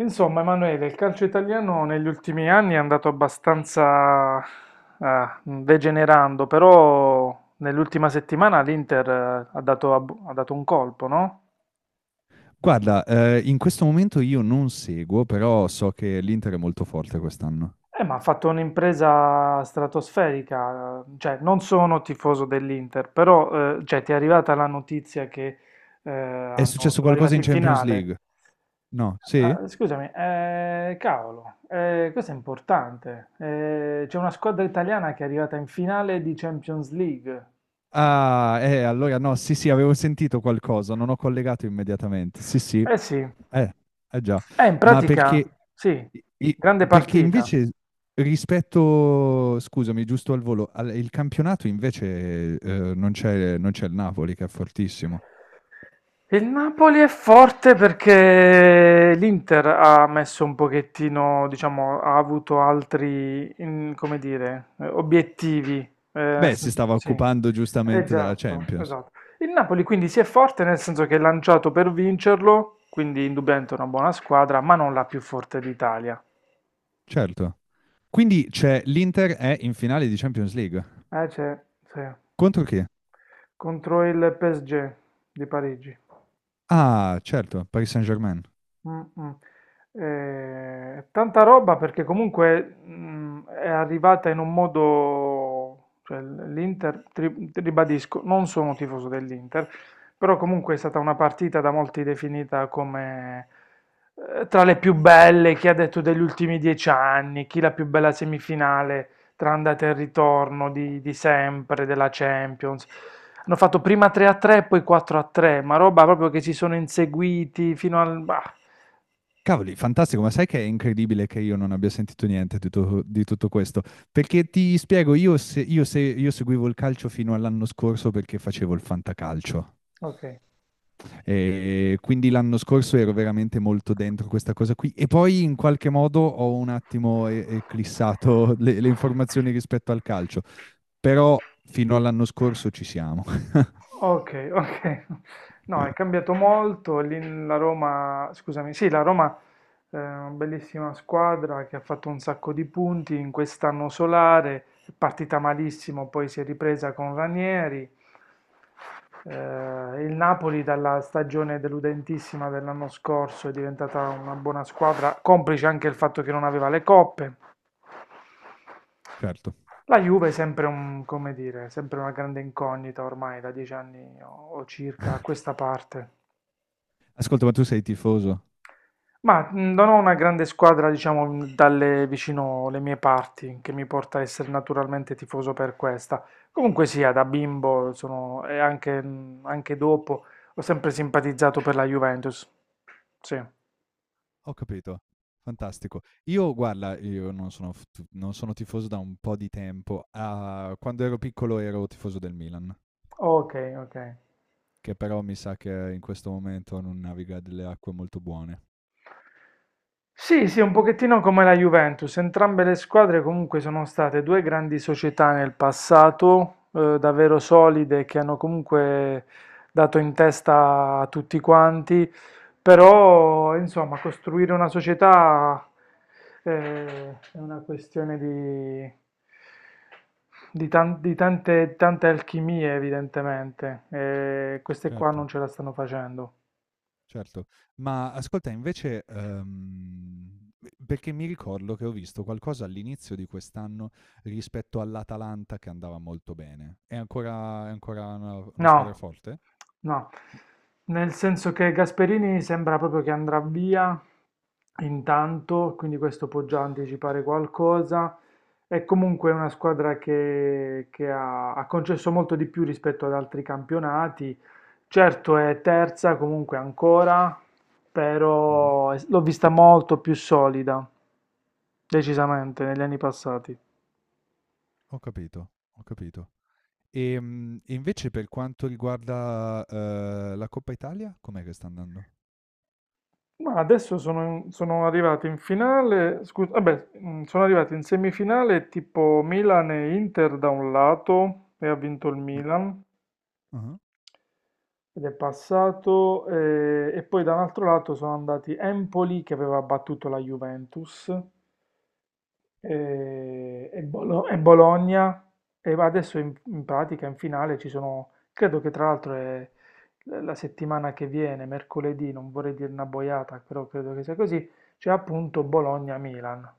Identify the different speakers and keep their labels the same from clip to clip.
Speaker 1: Insomma, Emanuele, il calcio italiano negli ultimi anni è andato abbastanza degenerando, però nell'ultima settimana l'Inter ha dato, ha dato un colpo, no?
Speaker 2: Guarda, in questo momento io non seguo, però so che l'Inter è molto forte quest'anno.
Speaker 1: Ma ha fatto un'impresa stratosferica, cioè non sono tifoso dell'Inter, però cioè, ti è arrivata la notizia che
Speaker 2: È successo
Speaker 1: sono
Speaker 2: qualcosa
Speaker 1: arrivati
Speaker 2: in
Speaker 1: in
Speaker 2: Champions
Speaker 1: finale.
Speaker 2: League? No, sì?
Speaker 1: Ah, scusami, cavolo, questo è importante. C'è una squadra italiana che è arrivata in finale di Champions League.
Speaker 2: Ah, allora no, sì, sì, avevo sentito qualcosa, non ho collegato immediatamente. Sì, sì,
Speaker 1: Eh sì,
Speaker 2: eh, eh già,
Speaker 1: in
Speaker 2: ma
Speaker 1: pratica
Speaker 2: perché,
Speaker 1: sì,
Speaker 2: i-
Speaker 1: grande
Speaker 2: perché
Speaker 1: partita.
Speaker 2: invece rispetto, scusami, giusto al volo, il campionato invece non c'è il Napoli che è fortissimo.
Speaker 1: Il Napoli è forte perché l'Inter ha messo un pochettino, diciamo, ha avuto altri, come dire, obiettivi.
Speaker 2: Beh, si stava
Speaker 1: Sì,
Speaker 2: occupando giustamente della
Speaker 1: esatto,
Speaker 2: Champions.
Speaker 1: esatto. Il Napoli quindi si è forte nel senso che è lanciato per vincerlo, quindi indubbiamente è una buona squadra, ma non la più forte d'Italia.
Speaker 2: Certo. Quindi c'è l'Inter è in finale di Champions League.
Speaker 1: C'è, sì.
Speaker 2: Contro chi?
Speaker 1: Contro il PSG di Parigi.
Speaker 2: Ah, certo, Paris Saint-Germain.
Speaker 1: Mh-mh. Tanta roba perché comunque, è arrivata in un modo, cioè l'Inter tri ribadisco, non sono tifoso dell'Inter, però comunque è stata una partita da molti definita come, tra le più belle, chi ha detto degli ultimi 10 anni, chi la più bella semifinale tra andata e ritorno di sempre, della Champions. Hanno fatto prima 3-3 e poi 4-3, ma roba proprio che si sono inseguiti fino al bah!
Speaker 2: Cavoli, fantastico, ma sai che è incredibile che io non abbia sentito niente di, di tutto questo? Perché ti spiego, io, se- io se- io seguivo il calcio fino all'anno scorso perché facevo il fantacalcio.
Speaker 1: Okay.
Speaker 2: E quindi l'anno scorso ero veramente molto dentro questa cosa qui. E poi in qualche modo ho un attimo eclissato le informazioni rispetto al calcio. Però fino all'anno scorso ci siamo.
Speaker 1: Okay, okay. No, è cambiato molto. Lì la Roma, scusami, sì, la Roma è una bellissima squadra che ha fatto un sacco di punti in quest'anno solare, è partita malissimo, poi si è ripresa con Ranieri. Eh, il Napoli dalla stagione deludentissima dell'anno scorso è diventata una buona squadra, complice anche il fatto che non aveva le coppe.
Speaker 2: Certo.
Speaker 1: La Juve è sempre un, come dire, sempre una grande incognita ormai da dieci anni o circa a questa parte.
Speaker 2: Ascolta, ma tu sei tifoso?
Speaker 1: Ma non ho una grande squadra, diciamo, dalle vicino le mie parti, che mi porta a essere naturalmente tifoso per questa. Comunque sia, da bimbo sono, e anche, anche dopo, ho sempre simpatizzato per la Juventus. Sì.
Speaker 2: Ho capito. Fantastico. Io guarda, io non sono f tu non sono tifoso da un po' di tempo. Ah, quando ero piccolo ero tifoso del Milan,
Speaker 1: Ok, ok.
Speaker 2: che però mi sa che in questo momento non naviga delle acque molto buone.
Speaker 1: Sì, sì, un pochettino come la Juventus, entrambe le squadre comunque sono state due grandi società nel passato, davvero solide, che hanno comunque dato in testa a tutti quanti, però insomma costruire una società è una questione di, di tante, tante alchimie evidentemente, e
Speaker 2: C
Speaker 1: queste qua
Speaker 2: Certo,
Speaker 1: non ce la stanno facendo.
Speaker 2: certo. Ma ascolta invece, pe perché mi ricordo che ho visto qualcosa all'inizio di quest'anno rispetto all'Atalanta che andava molto bene. È ancora una squadra
Speaker 1: No,
Speaker 2: forte?
Speaker 1: no,
Speaker 2: Mh.
Speaker 1: nel senso che Gasperini sembra proprio che andrà via intanto, quindi questo può già anticipare qualcosa. È comunque una squadra che ha, ha concesso molto di più rispetto ad altri campionati. Certo è terza comunque ancora,
Speaker 2: Mh-mh.
Speaker 1: però l'ho vista molto più solida, decisamente, negli anni passati.
Speaker 2: Ho capito, ho capito. E invece per quanto riguarda, la Coppa Italia, com'è che sta andando?
Speaker 1: Ma adesso sono, sono arrivati in finale, scusa, vabbè, sono arrivati in semifinale tipo Milan e Inter da un lato e ha vinto il
Speaker 2: Ah,
Speaker 1: Milan
Speaker 2: ah-ah.
Speaker 1: ed è passato e poi da un altro lato sono andati Empoli che aveva battuto la Juventus e, e Bologna e va adesso in, in pratica in finale ci sono, credo che tra l'altro è la settimana che viene, mercoledì, non vorrei dire una boiata, però credo che sia così, c'è appunto Bologna-Milan.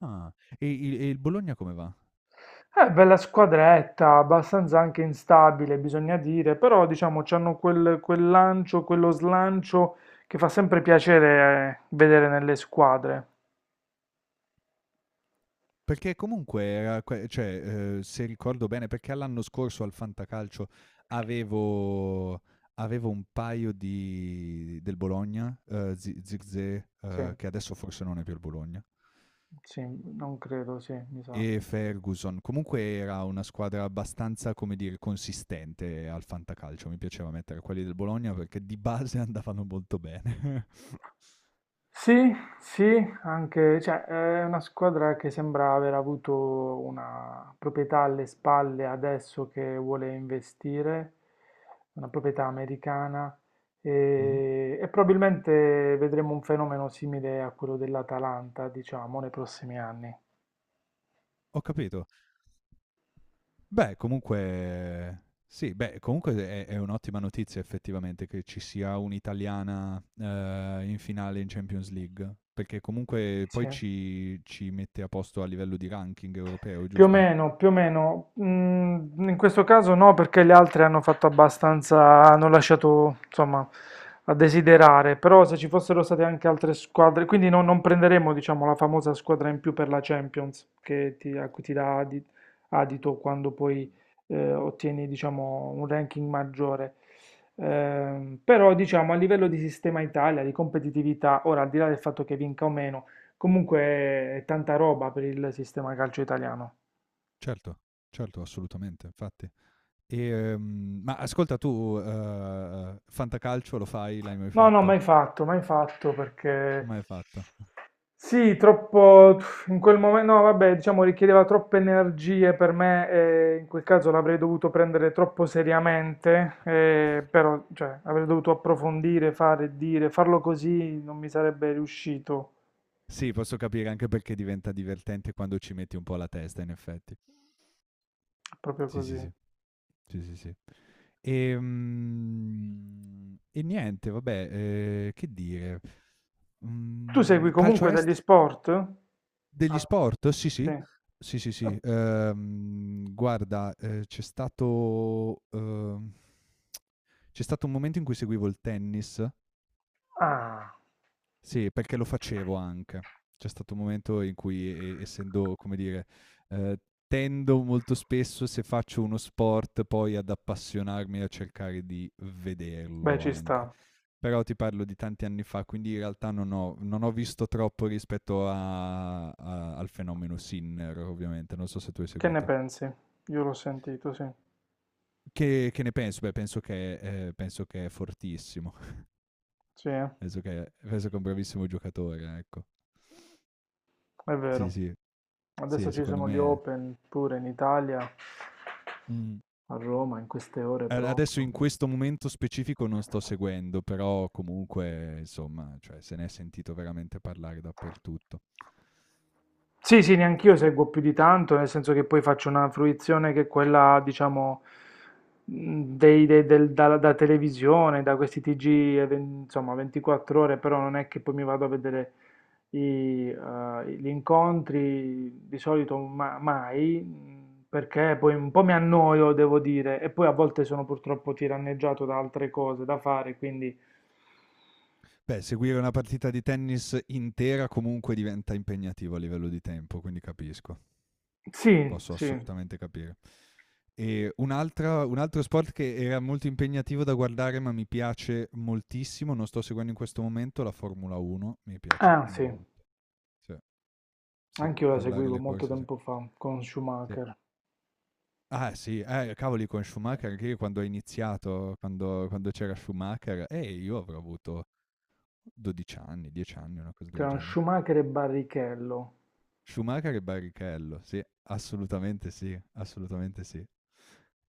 Speaker 2: Ah. E il Bologna come va?
Speaker 1: È bella squadretta, abbastanza anche instabile, bisogna dire, però diciamo c'hanno quel, quel lancio, quello slancio che fa sempre piacere vedere nelle squadre.
Speaker 2: Perché comunque era que cioè, se ricordo bene, perché l'anno scorso al Fantacalcio avevo avevo un paio di del Bologna, Zi Zirkzee,
Speaker 1: Sì,
Speaker 2: che adesso forse non è più il Bologna,
Speaker 1: sì, non credo, sì, mi sa.
Speaker 2: e Ferguson. Comunque era una squadra abbastanza, come dire, consistente al Fantacalcio. Mi piaceva mettere quelli del Bologna perché di base andavano molto bene.
Speaker 1: Sì, sì, anche, cioè, è una squadra che sembra aver avuto una proprietà alle spalle adesso che vuole investire, una proprietà americana,
Speaker 2: Mh-mh.
Speaker 1: e probabilmente vedremo un fenomeno simile a quello dell'Atalanta, diciamo, nei prossimi anni.
Speaker 2: Ho capito. Beh, comunque sì, beh, comunque è un'ottima notizia effettivamente che ci sia un'italiana, in finale in Champions League, perché comunque
Speaker 1: Sì.
Speaker 2: poi ci mette a posto a livello di ranking europeo,
Speaker 1: Più o
Speaker 2: giusto?
Speaker 1: meno, più o meno. In questo caso no, perché gli altri hanno fatto abbastanza, hanno lasciato, insomma, a desiderare. Però se ci fossero state anche altre squadre, quindi non prenderemo, diciamo, la famosa squadra in più per la Champions, che ti, a cui ti dà adito quando poi ottieni, diciamo, un ranking maggiore. Però, diciamo, a livello di sistema Italia, di competitività, ora al di là del fatto che vinca o meno, comunque è tanta roba per il sistema calcio italiano.
Speaker 2: Certo, certo, assolutamente, infatti. Ma ascolta tu, fantacalcio lo fai? L'hai mai
Speaker 1: No, no,
Speaker 2: fatto?
Speaker 1: mai fatto, mai fatto perché
Speaker 2: Mai fatto.
Speaker 1: sì, troppo in quel momento, no, vabbè, diciamo richiedeva troppe energie per me e in quel caso l'avrei dovuto prendere troppo seriamente, però cioè, avrei dovuto approfondire, fare, dire, farlo così non mi sarebbe riuscito,
Speaker 2: Sì, posso capire anche perché diventa divertente quando ci metti un po' la testa, in effetti.
Speaker 1: proprio
Speaker 2: Sì, sì,
Speaker 1: così.
Speaker 2: sì. Sì, sì, sì. E niente, vabbè, che dire?
Speaker 1: Tu segui
Speaker 2: Mhmm, calcio
Speaker 1: comunque
Speaker 2: est
Speaker 1: degli sport?
Speaker 2: Degli
Speaker 1: Ah,
Speaker 2: sport? Sì, sì.
Speaker 1: sì.
Speaker 2: Sì, sì, sì. Guarda, c'è stato un momento in cui seguivo il tennis.
Speaker 1: Ah,
Speaker 2: Sì, perché lo facevo anche. C'è stato un momento in cui essendo, come dire, ehm, tendo molto spesso se faccio uno sport poi ad appassionarmi e a cercare di
Speaker 1: beh,
Speaker 2: vederlo
Speaker 1: ci
Speaker 2: anche.
Speaker 1: sta.
Speaker 2: Però ti parlo di tanti anni fa, quindi in realtà non ho visto troppo rispetto a a al fenomeno Sinner ovviamente, non so se tu hai
Speaker 1: Che ne
Speaker 2: seguito.
Speaker 1: pensi? Io l'ho sentito, sì.
Speaker 2: Che ne penso? Beh, penso che è fortissimo,
Speaker 1: Sì, eh.
Speaker 2: penso che è un bravissimo giocatore, ecco.
Speaker 1: È
Speaker 2: Sì,
Speaker 1: vero,
Speaker 2: sì,
Speaker 1: adesso
Speaker 2: sì,
Speaker 1: ci
Speaker 2: secondo
Speaker 1: sono gli
Speaker 2: me.
Speaker 1: Open pure in Italia,
Speaker 2: Mh.
Speaker 1: a Roma, in queste ore
Speaker 2: A Adesso in
Speaker 1: proprio.
Speaker 2: questo momento specifico non sto seguendo, però comunque insomma, cioè se ne è sentito veramente parlare dappertutto.
Speaker 1: Sì, sì, neanch'io
Speaker 2: Tu
Speaker 1: seguo più di tanto, nel senso che poi faccio una fruizione che è quella, diciamo, da, da televisione, da questi TG, insomma, 24 ore, però non è che poi mi vado a vedere i, gli incontri, di solito mai, perché poi un po' mi annoio, devo dire, e poi a volte sono purtroppo tiranneggiato da altre cose da fare, quindi
Speaker 2: Beh, seguire una partita di tennis intera comunque diventa impegnativo a livello di tempo, quindi capisco.
Speaker 1: sì,
Speaker 2: Posso
Speaker 1: sì,
Speaker 2: assolutamente capire. E un altro sport che era molto impegnativo da guardare, ma mi piace moltissimo, non sto seguendo in questo momento, la Formula 1, mi piace
Speaker 1: ah sì,
Speaker 2: molto. Sì, sì,
Speaker 1: anch'io la
Speaker 2: guardare
Speaker 1: seguivo
Speaker 2: le
Speaker 1: molto
Speaker 2: corse sì,
Speaker 1: tempo fa con
Speaker 2: sì.
Speaker 1: Schumacher.
Speaker 2: Ah sì, cavoli con Schumacher anche io quando ho iniziato, quando c'era Schumacher, io avrò avuto 12 anni, 10 anni, una cosa del
Speaker 1: Tra
Speaker 2: genere.
Speaker 1: Schumacher e Barrichello,
Speaker 2: Schumacher e Barrichello, sì, assolutamente sì, assolutamente sì.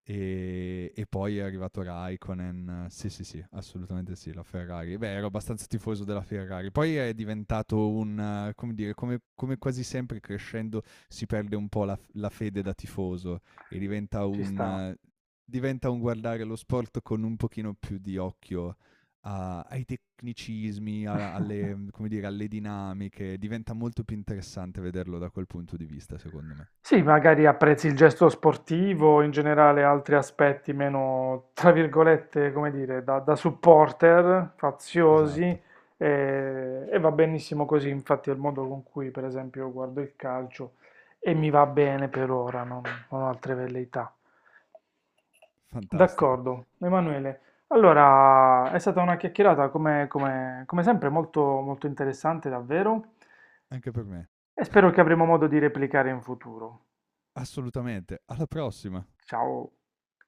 Speaker 2: E poi è arrivato Raikkonen, sì sì sì, assolutamente sì, la Ferrari. Beh, ero abbastanza tifoso della Ferrari. Poi è diventato un, come dire, come quasi sempre crescendo si perde un po' la fede da tifoso e diventa
Speaker 1: ci
Speaker 2: un,
Speaker 1: sta.
Speaker 2: eh, diventa un guardare lo sport con un pochino più di occhio ai tecnicismi, alle, come dire, alle dinamiche, diventa molto più interessante vederlo da quel punto di vista, secondo me.
Speaker 1: Sì, magari apprezzi il gesto sportivo, in generale altri aspetti meno, tra virgolette, come dire, da, da supporter,
Speaker 2: Esatto,
Speaker 1: faziosi, e va benissimo così, infatti è il modo con cui, per esempio, io guardo il calcio e mi va bene per ora, non, non ho altre velleità.
Speaker 2: fantastico,
Speaker 1: D'accordo, Emanuele. Allora, è stata una chiacchierata come, come sempre molto, molto interessante, davvero.
Speaker 2: anche per me.
Speaker 1: E spero che avremo modo di replicare in futuro.
Speaker 2: Assolutamente, alla prossima.
Speaker 1: Ciao!